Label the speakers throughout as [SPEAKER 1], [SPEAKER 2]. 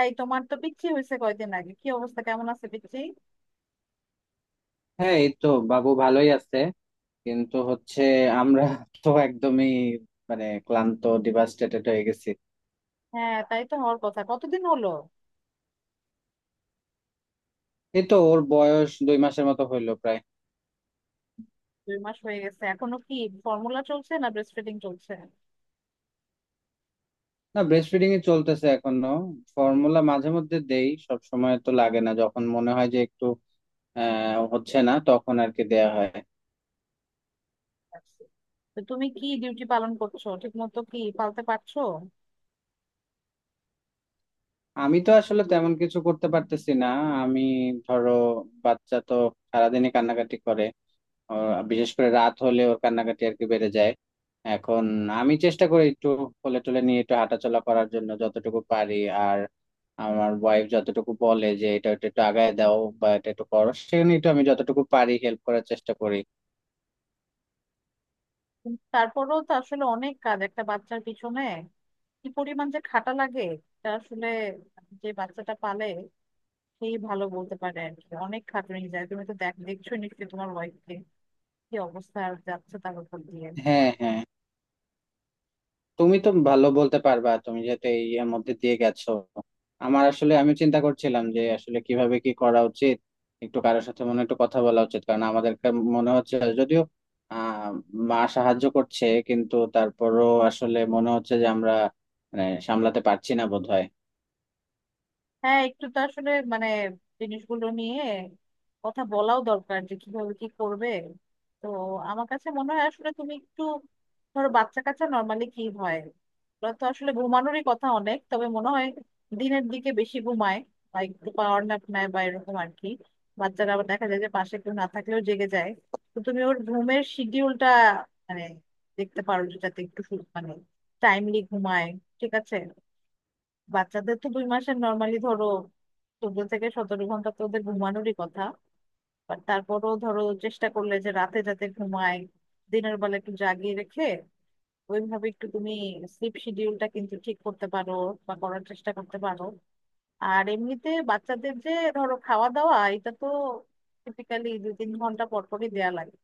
[SPEAKER 1] এই, তোমার তো পিচ্ছি হয়েছে কয়দিন আগে। কি অবস্থা, কেমন আছে পিচ্ছি?
[SPEAKER 2] হ্যাঁ, এই তো বাবু ভালোই আছে। কিন্তু হচ্ছে আমরা তো একদমই মানে ক্লান্ত, ডিভাস্টেটেড হয়ে গেছি।
[SPEAKER 1] হ্যাঁ, তাই তো হওয়ার কথা। কতদিন হলো?
[SPEAKER 2] এই তো ওর বয়স 2 মাসের মতো হইলো প্রায়।
[SPEAKER 1] দুই মাস হয়ে গেছে? এখনো কি ফর্মুলা চলছে না ব্রেস্ট ফিডিং চলছে?
[SPEAKER 2] না, ব্রেস্ট ফিডিং এ চলতেছে এখনো। ফর্মুলা মাঝে মধ্যে দেই, সব সময় তো লাগে না। যখন মনে হয় যে একটু হচ্ছে না, তখন আর কি দেয়া হয়।
[SPEAKER 1] আচ্ছা। তো তুমি কি ডিউটি পালন করছো ঠিক মতো? কি পালতে পারছো?
[SPEAKER 2] আমি তো আসলে তেমন কিছু করতে পারতেছি না। আমি ধরো বাচ্চা তো সারাদিনই কান্নাকাটি করে। ওর বিশেষ করে রাত হলে ওর কান্নাকাটি আর কি বেড়ে যায় এখন। আমি চেষ্টা করি একটু কোলে টোলে নিয়ে একটু হাঁটাচলা করার জন্য যতটুকু পারি। আর আমার ওয়াইফ যতটুকু বলে যে এটা একটু একটু আগায় দাও বা এটা একটু করো, সেখানে একটু আমি যতটুকু পারি হেল্প করার চেষ্টা করি।
[SPEAKER 1] কিন্তু তারপরেও তো আসলে অনেক কাজ একটা বাচ্চার পিছনে। কি পরিমাণ যে খাটা লাগে তা আসলে যে বাচ্চাটা পালে সেই ভালো বলতে পারে আর কি। অনেক খাটুনি যায়, তুমি তো দেখছো নিশ্চয়ই তোমার ওয়াইফকে, কি অবস্থা আর যাচ্ছে তার উপর দিয়ে।
[SPEAKER 2] হ্যাঁ, হ্যাঁ, তুমি তো ভালো বলতে পারবা, তুমি যেহেতু এই এর মধ্যে দিয়ে গেছো। আমার আসলে আমি চিন্তা করছিলাম যে আসলে কিভাবে কি করা উচিত, একটু কারোর সাথে মনে হয় একটু কথা বলা উচিত, কারণ আমাদেরকে মনে হচ্ছে, যদিও আহ মা সাহায্য করছে, কিন্তু তারপরও আসলে মনে হচ্ছে যে আমরা মানে সামলাতে পারছি না বোধহয়।
[SPEAKER 1] হ্যাঁ, একটু তো আসলে জিনিসগুলো নিয়ে কথা বলাও দরকার যে কিভাবে কি করবে। তো আমার কাছে মনে হয় আসলে তুমি একটু, ধরো বাচ্চা কাচ্চা নর্মালি কি হয়, ওরা তো আসলে ঘুমানোরই কথা অনেক, তবে মনে হয় দিনের দিকে বেশি ঘুমায় বা একটু পাওয়ার ন্যাপ নেয় বা এরকম আর কি। বাচ্চারা আবার দেখা যায় যে পাশে কেউ না থাকলেও জেগে যায়। তো তুমি ওর ঘুমের শিডিউলটা মানে দেখতে পারো, যেটাতে একটু সু- মানে টাইমলি ঘুমায়, ঠিক আছে। বাচ্চাদের তো দুই মাসের নর্মালি ধরো 14 থেকে 17 ঘন্টা তো ওদের ঘুমানোরই কথা। বাট তারপরেও ধরো চেষ্টা করলে যে রাতে যাতে ঘুমায়, দিনের বেলা একটু জাগিয়ে রেখে ওইভাবে একটু তুমি স্লিপ শিডিউলটা কিন্তু ঠিক করতে পারো বা করার চেষ্টা করতে পারো। আর এমনিতে বাচ্চাদের যে ধরো খাওয়া দাওয়া, এটা তো টিপিক্যালি 2-3 ঘন্টা পর পরই দেয়া লাগে।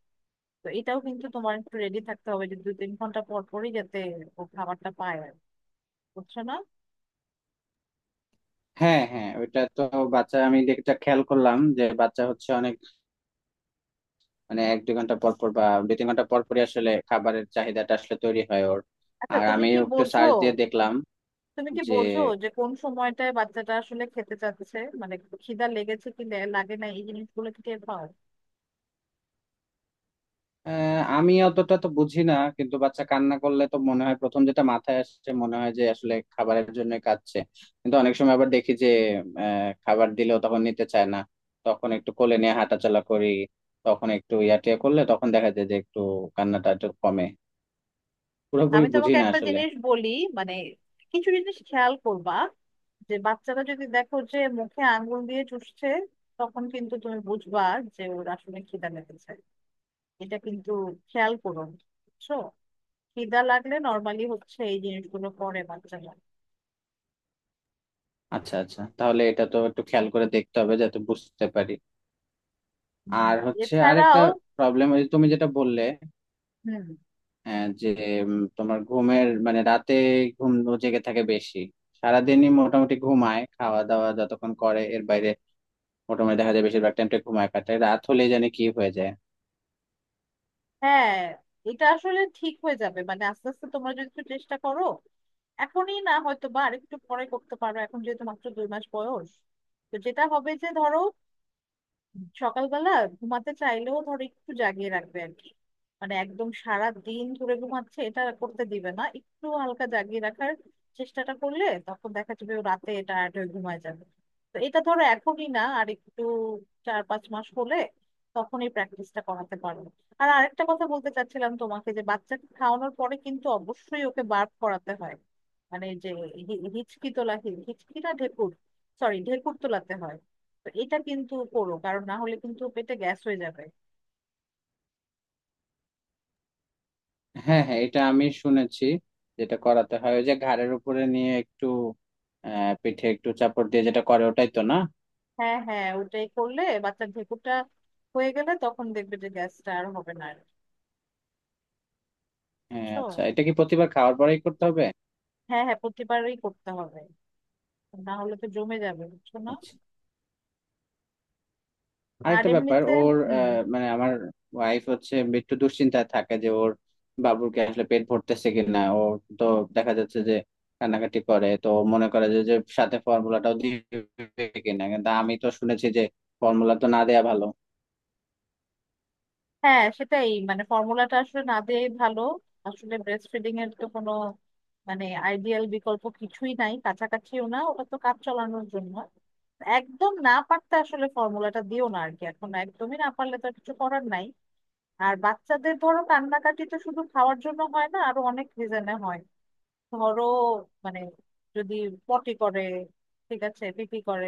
[SPEAKER 1] তো এটাও কিন্তু তোমার একটু রেডি থাকতে হবে যে 2-3 ঘন্টা পর পরই যাতে ও খাবারটা পায় আর কি। বুঝছো না?
[SPEAKER 2] হ্যাঁ, হ্যাঁ, ওইটা তো বাচ্চা আমি যেটা খেয়াল করলাম যে বাচ্চা হচ্ছে অনেক মানে 1 2 ঘন্টা পর পর বা 2 3 ঘন্টা পর পরই আসলে খাবারের চাহিদাটা আসলে তৈরি হয় ওর।
[SPEAKER 1] আচ্ছা,
[SPEAKER 2] আর
[SPEAKER 1] তুমি
[SPEAKER 2] আমি
[SPEAKER 1] কি
[SPEAKER 2] একটু
[SPEAKER 1] বোঝো,
[SPEAKER 2] সার্চ দিয়ে দেখলাম
[SPEAKER 1] তুমি কি
[SPEAKER 2] যে
[SPEAKER 1] বোঝো যে কোন সময়টায় বাচ্চাটা আসলে খেতে চাচ্ছে, খিদা লেগেছে কি লাগে না, এই জিনিসগুলো কি টের পাও?
[SPEAKER 2] আমি অতটা তো বুঝি না, কিন্তু বাচ্চা কান্না করলে তো মনে হয় প্রথম যেটা মাথায় আসছে মনে হয় যে আসলে খাবারের জন্য কাঁদছে। কিন্তু অনেক সময় আবার দেখি যে খাবার দিলেও তখন নিতে চায় না। তখন একটু কোলে নিয়ে হাঁটাচলা করি, তখন একটু ইয়াটিয়া করলে তখন দেখা যায় যে একটু কান্নাটা একটু কমে। পুরোপুরি
[SPEAKER 1] আমি
[SPEAKER 2] বুঝি
[SPEAKER 1] তোমাকে
[SPEAKER 2] না
[SPEAKER 1] একটা
[SPEAKER 2] আসলে।
[SPEAKER 1] জিনিস বলি, মানে কিছু জিনিস খেয়াল করবা যে বাচ্চারা যদি দেখো যে মুখে আঙ্গুল দিয়ে চুষছে, তখন কিন্তু তুমি বুঝবা যে ওর আসলে খিদা লেগেছে। এটা কিন্তু খেয়াল করো, বুঝছো? খিদা লাগলে নর্মালি হচ্ছে এই জিনিসগুলো করে বাচ্চারা।
[SPEAKER 2] আচ্ছা, আচ্ছা, তাহলে এটা তো একটু খেয়াল করে দেখতে হবে যাতে বুঝতে পারি।
[SPEAKER 1] হুম।
[SPEAKER 2] আর হচ্ছে আরেকটা
[SPEAKER 1] এছাড়াও
[SPEAKER 2] প্রবলেম তুমি যেটা বললে,
[SPEAKER 1] হুম।
[SPEAKER 2] হ্যাঁ, যে তোমার ঘুমের মানে রাতে ঘুম ও জেগে থাকে বেশি। সারাদিনই মোটামুটি ঘুমায়, খাওয়া দাওয়া যতক্ষণ করে এর বাইরে মোটামুটি দেখা যায় বেশিরভাগ টাইমটা ঘুমায় কাটায়। রাত হলে জানি কি হয়ে যায়।
[SPEAKER 1] হ্যাঁ, এটা আসলে ঠিক হয়ে যাবে, মানে আস্তে আস্তে তোমরা যদি একটু চেষ্টা করো। এখনই না হয়তো, বা আরেকটু পরে করতে পারো এখন যেহেতু মাত্র 2 মাস বয়স। তো যেটা হবে যে ধরো সকালবেলা ঘুমাতে চাইলেও ধর একটু জাগিয়ে রাখবে আর কি। মানে একদম সারা দিন ধরে ঘুমাচ্ছে, এটা করতে দিবে না। একটু হালকা জাগিয়ে রাখার চেষ্টাটা করলে তখন দেখা যাবে ও রাতে টায়ার্ড হয়ে ঘুমায় যাবে। তো এটা ধরো এখনই না, আর একটু 4-5 মাস হলে তখনই প্র্যাকটিসটা করাতে পারবো। আর আরেকটা কথা বলতে চাচ্ছিলাম তোমাকে, যে বাচ্চাকে খাওয়ানোর পরে কিন্তু অবশ্যই ওকে বার্প করাতে হয়। মানে যে হি- হিচকি তোলা হি- হিচকি না, ঢেকুর। সরি, ঢেকুর তোলাতে হয়। তো এটা কিন্তু করো, কারণ না হলে কিন্তু পেটে গ্যাস হয়ে যাবে।
[SPEAKER 2] হ্যাঁ, হ্যাঁ, এটা আমি শুনেছি, যেটা করাতে হয় ওই যে ঘাড়ের উপরে নিয়ে একটু পিঠে একটু চাপড় দিয়ে যেটা করে ওটাই তো না?
[SPEAKER 1] হ্যাঁ হ্যাঁ, ওটাই করলে বাচ্চার ঢেকুরটা হয়ে গেলে তখন দেখবে যে গ্যাসটা আর হবে না আর।
[SPEAKER 2] হ্যাঁ,
[SPEAKER 1] বুঝছো?
[SPEAKER 2] আচ্ছা, এটা কি প্রতিবার খাওয়ার পরেই করতে হবে?
[SPEAKER 1] হ্যাঁ হ্যাঁ, প্রতিবারই করতে হবে, না হলে তো জমে যাবে, বুঝছো না?
[SPEAKER 2] আচ্ছা,
[SPEAKER 1] আর
[SPEAKER 2] আরেকটা ব্যাপার
[SPEAKER 1] এমনিতে
[SPEAKER 2] ওর
[SPEAKER 1] হুম।
[SPEAKER 2] মানে আমার ওয়াইফ হচ্ছে একটু দুশ্চিন্তায় থাকে যে ওর বাবুকে আসলে পেট ভরতেছে কিনা। ও তো দেখা যাচ্ছে যে কান্নাকাটি করে, তো ও মনে করে যে যে সাথে ফর্মুলাটাও দিবে কিনা, কিন্তু আমি তো শুনেছি যে ফর্মুলা তো না দেয়া ভালো।
[SPEAKER 1] হ্যাঁ সেটাই, মানে ফর্মুলাটা আসলে না দেয়াই ভালো। আসলে ব্রেস্ট ফিডিং এর তো কোনো মানে আইডিয়াল বিকল্প কিছুই নাই, কাছাকাছিও না। ওটা তো কাজ চালানোর জন্য, একদম না পারতে আসলে ফর্মুলাটা দিও না আর কি। এখন একদমই না পারলে তো আর কিছু করার নাই। আর বাচ্চাদের ধরো কান্নাকাটি তো শুধু খাওয়ার জন্য হয় না, আরো অনেক রিজনে হয়। ধরো মানে যদি পটি করে, ঠিক আছে, পিপি করে,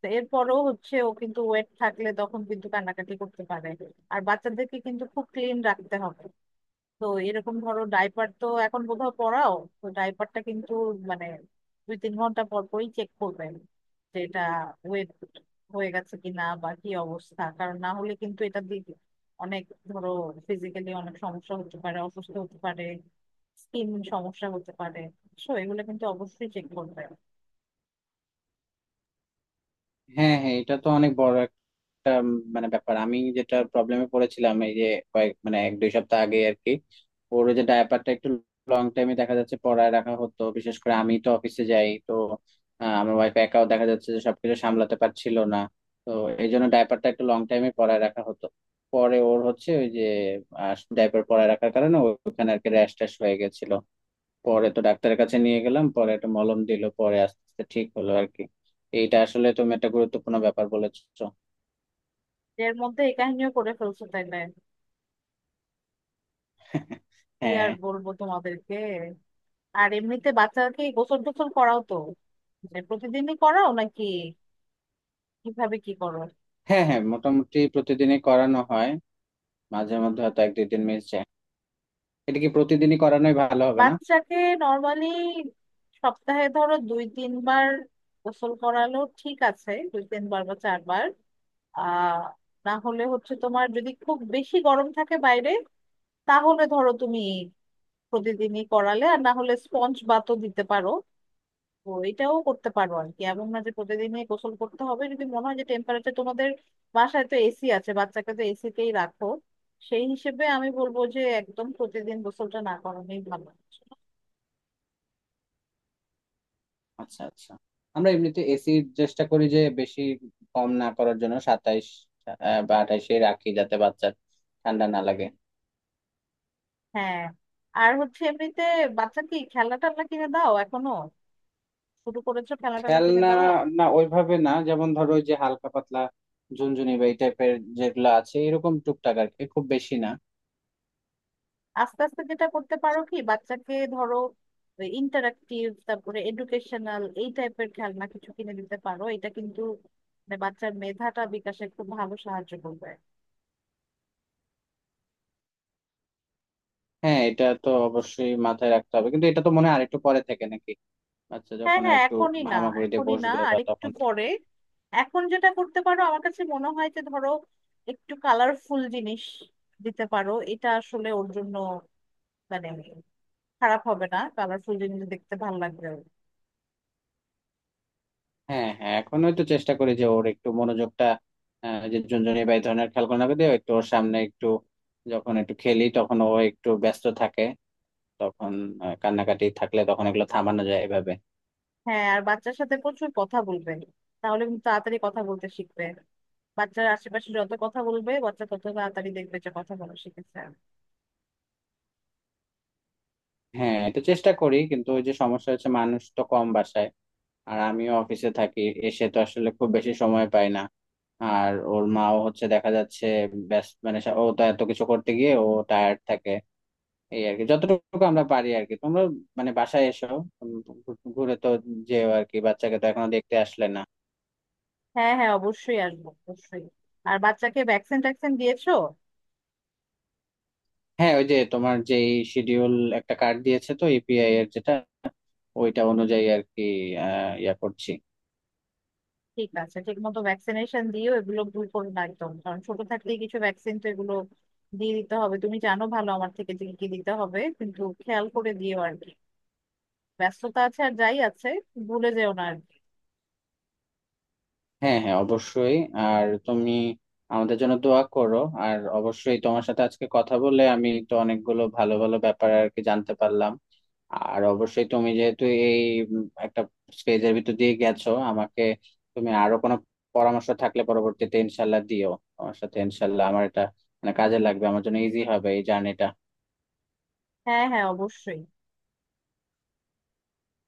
[SPEAKER 1] তো এরপরও হচ্ছে ও কিন্তু ওয়েট থাকলে তখন কিন্তু কান্নাকাটি করতে পারে। আর বাচ্চাদেরকে কিন্তু খুব ক্লিন রাখতে হবে। তো এরকম ধরো ডাইপার তো এখন কোথাও পড়াও, তো ডাইপারটা কিন্তু মানে 2-3 ঘন্টা পর পরই চেক করবেন যে এটা ওয়েট হয়ে গেছে কিনা বা কি অবস্থা। কারণ না হলে কিন্তু এটা দিয়ে অনেক, ধরো, ফিজিক্যালি অনেক সমস্যা হতে পারে, অসুস্থ হতে পারে, স্কিন সমস্যা হতে পারে। সো এগুলো কিন্তু অবশ্যই চেক করবে।
[SPEAKER 2] হ্যাঁ, হ্যাঁ, এটা তো অনেক বড় একটা মানে ব্যাপার। আমি যেটা প্রবলেমে পড়েছিলাম এই যে কয়েক মানে 1 2 সপ্তাহ আগে আর কি, ওর ওই যে ডায়াপারটা একটু লং টাইমে দেখা যাচ্ছে পড়ায় রাখা হতো, বিশেষ করে আমি তো অফিসে যাই, তো আমার ওয়াইফ একাও দেখা যাচ্ছে যে সবকিছু সামলাতে পারছিল না। তো এই জন্য ডায়াপারটা একটু লং টাইমে পড়ায় রাখা হতো। পরে ওর হচ্ছে ওই যে ডায়াপার পরায় রাখার কারণে ওখানে আর কি র্যাশ ট্যাশ হয়ে গেছিল। পরে তো ডাক্তারের কাছে নিয়ে গেলাম, পরে একটা মলম দিল, পরে আস্তে আস্তে ঠিক হলো আর কি। এইটা আসলে তুমি একটা গুরুত্বপূর্ণ ব্যাপার বলেছো।
[SPEAKER 1] এর মধ্যে এই কাহিনীও করে ফেলছো তাইলে? কি আর
[SPEAKER 2] হ্যাঁ।
[SPEAKER 1] বলবো তোমাদেরকে। আর এমনিতে বাচ্চাকে গোসল টোসল করাও তো? মানে প্রতিদিনই করাও নাকি, কিভাবে কি করো?
[SPEAKER 2] হ্যাঁ, হ্যাঁ, মোটামুটি প্রতিদিনই করানো হয়। মাঝে মধ্যে হয়তো 1 2 দিন মিস যায়। এটা কি প্রতিদিনই করানোই ভালো হবে না?
[SPEAKER 1] বাচ্চাকে নর্মালি সপ্তাহে ধরো 2-3 বার গোসল করালো ঠিক আছে, 2-3 বার বা চারবার। আহ না হলে হচ্ছে তোমার যদি খুব বেশি গরম থাকে বাইরে, তাহলে ধরো তুমি প্রতিদিনই করালে, আর না হলে স্পঞ্জ বাতও দিতে পারো। তো এটাও করতে পারো আর কি, এমন না যে প্রতিদিনই গোসল করতে হবে। যদি মনে হয় যে টেম্পারেচার তোমাদের, বাসায় তো এসি আছে, বাচ্চাকে তো এসিতেই রাখো, সেই হিসেবে আমি বলবো যে একদম প্রতিদিন গোসলটা না করানোই ভালো।
[SPEAKER 2] আচ্ছা, আচ্ছা, আমরা এমনিতে এসি চেষ্টা করি যে বেশি কম না করার জন্য 27 বা 28এ রাখি, যাতে বাচ্চার ঠান্ডা না লাগে।
[SPEAKER 1] হ্যাঁ। আর হচ্ছে এমনিতে বাচ্চা কি খেলনা টেলনা কিনে দাও এখনো? শুরু করেছো খেলনা টেলনা কিনে
[SPEAKER 2] খেলনা,
[SPEAKER 1] দেওয়া?
[SPEAKER 2] না ওইভাবে না, যেমন ধরো ওই যে হালকা পাতলা ঝুনঝুনি বা এই টাইপের যেগুলো আছে, এরকম টুকটাক আর কি, খুব বেশি না।
[SPEAKER 1] আস্তে আস্তে যেটা করতে পারো কি, বাচ্চাকে ধরো ইন্টারাক্টিভ, তারপরে এডুকেশনাল এই টাইপের খেলনা কিছু কিনে দিতে পারো। এটা কিন্তু মানে বাচ্চার মেধাটা বিকাশে খুব ভালো সাহায্য করবে।
[SPEAKER 2] হ্যাঁ, এটা তো অবশ্যই মাথায় রাখতে হবে, কিন্তু এটা তো মনে হয় আরেকটু পরে থেকে নাকি? আচ্ছা,
[SPEAKER 1] হ্যাঁ
[SPEAKER 2] যখন আর
[SPEAKER 1] হ্যাঁ,
[SPEAKER 2] একটু
[SPEAKER 1] এখনই না।
[SPEAKER 2] হামাগুড়ি দিয়ে
[SPEAKER 1] এখনই না,
[SPEAKER 2] বসবে
[SPEAKER 1] আর
[SPEAKER 2] বা
[SPEAKER 1] একটু
[SPEAKER 2] তখন থেকে।
[SPEAKER 1] পরে। এখন যেটা করতে পারো, আমার কাছে মনে হয় যে ধরো একটু কালারফুল জিনিস দিতে পারো। এটা আসলে ওর জন্য মানে খারাপ হবে না, কালারফুল জিনিস দেখতে ভালো লাগবে ওর।
[SPEAKER 2] হ্যাঁ, হ্যাঁ, এখন হয়তো চেষ্টা করি যে ওর একটু মনোযোগটা যে ঝুনঝুনি বা এই ধরনের খেলনা দিয়ে একটু ওর সামনে একটু যখন একটু খেলি, তখন ও একটু ব্যস্ত থাকে। তখন কান্নাকাটি থাকলে তখন এগুলো থামানো যায় এভাবে।
[SPEAKER 1] হ্যাঁ, আর বাচ্চার সাথে প্রচুর কথা বলবে, তাহলে কিন্তু তাড়াতাড়ি কথা বলতে শিখবে। বাচ্চার আশেপাশে যত কথা বলবে বাচ্চা তত তাড়াতাড়ি দেখবে যে কথা বলা শিখেছে।
[SPEAKER 2] হ্যাঁ, এটা চেষ্টা করি, কিন্তু ওই যে সমস্যা হচ্ছে মানুষ তো কম বাসায়, আর আমিও অফিসে থাকি, এসে তো আসলে খুব বেশি সময় পাই না। আর ওর মাও হচ্ছে দেখা যাচ্ছে ব্যস্ত, মানে ও তো এত কিছু করতে গিয়ে ও টায়ার্ড থাকে। এই আর কি যতটুকু আমরা পারি আর কি। তোমরা মানে বাসায় এসো, উম, ঘুরে তো যেও আর কি, বাচ্চাকে তো এখনো দেখতে আসলে না।
[SPEAKER 1] হ্যাঁ হ্যাঁ, অবশ্যই আসবো, অবশ্যই। আর বাচ্চাকে ভ্যাকসিন ট্যাকসিন দিয়েছো?
[SPEAKER 2] হ্যাঁ, ওই যে তোমার যে শিডিউল একটা কার্ড দিয়েছে তো EPI এর, যেটা ওইটা অনুযায়ী আর কি ইয়া করছি।
[SPEAKER 1] ঠিক আছে, ঠিক মতো ভ্যাকসিনেশন দিও, এগুলো ভুল করো না একদম। কারণ ছোট থাকতেই কিছু ভ্যাকসিন তো এগুলো দিয়ে দিতে হবে। তুমি জানো ভালো আমার থেকে যে কি কি দিতে হবে, কিন্তু খেয়াল করে দিও আর কি। ব্যস্ততা আছে আর যাই আছে, ভুলে যেও না আর কি।
[SPEAKER 2] হ্যাঁ, হ্যাঁ, অবশ্যই। আর তুমি আমাদের জন্য দোয়া করো। আর অবশ্যই তোমার সাথে আজকে কথা বলে আমি তো অনেকগুলো ভালো ভালো ব্যাপার আর কি জানতে পারলাম। আর অবশ্যই তুমি যেহেতু এই একটা স্টেজের ভিতর দিয়ে গেছো আমাকে, তুমি আরো কোনো পরামর্শ থাকলে পরবর্তীতে ইনশাল্লাহ দিও আমার সাথে। ইনশাল্লাহ আমার এটা মানে কাজে লাগবে, আমার জন্য ইজি হবে এই জার্নিটা।
[SPEAKER 1] হ্যাঁ হ্যাঁ, অবশ্যই।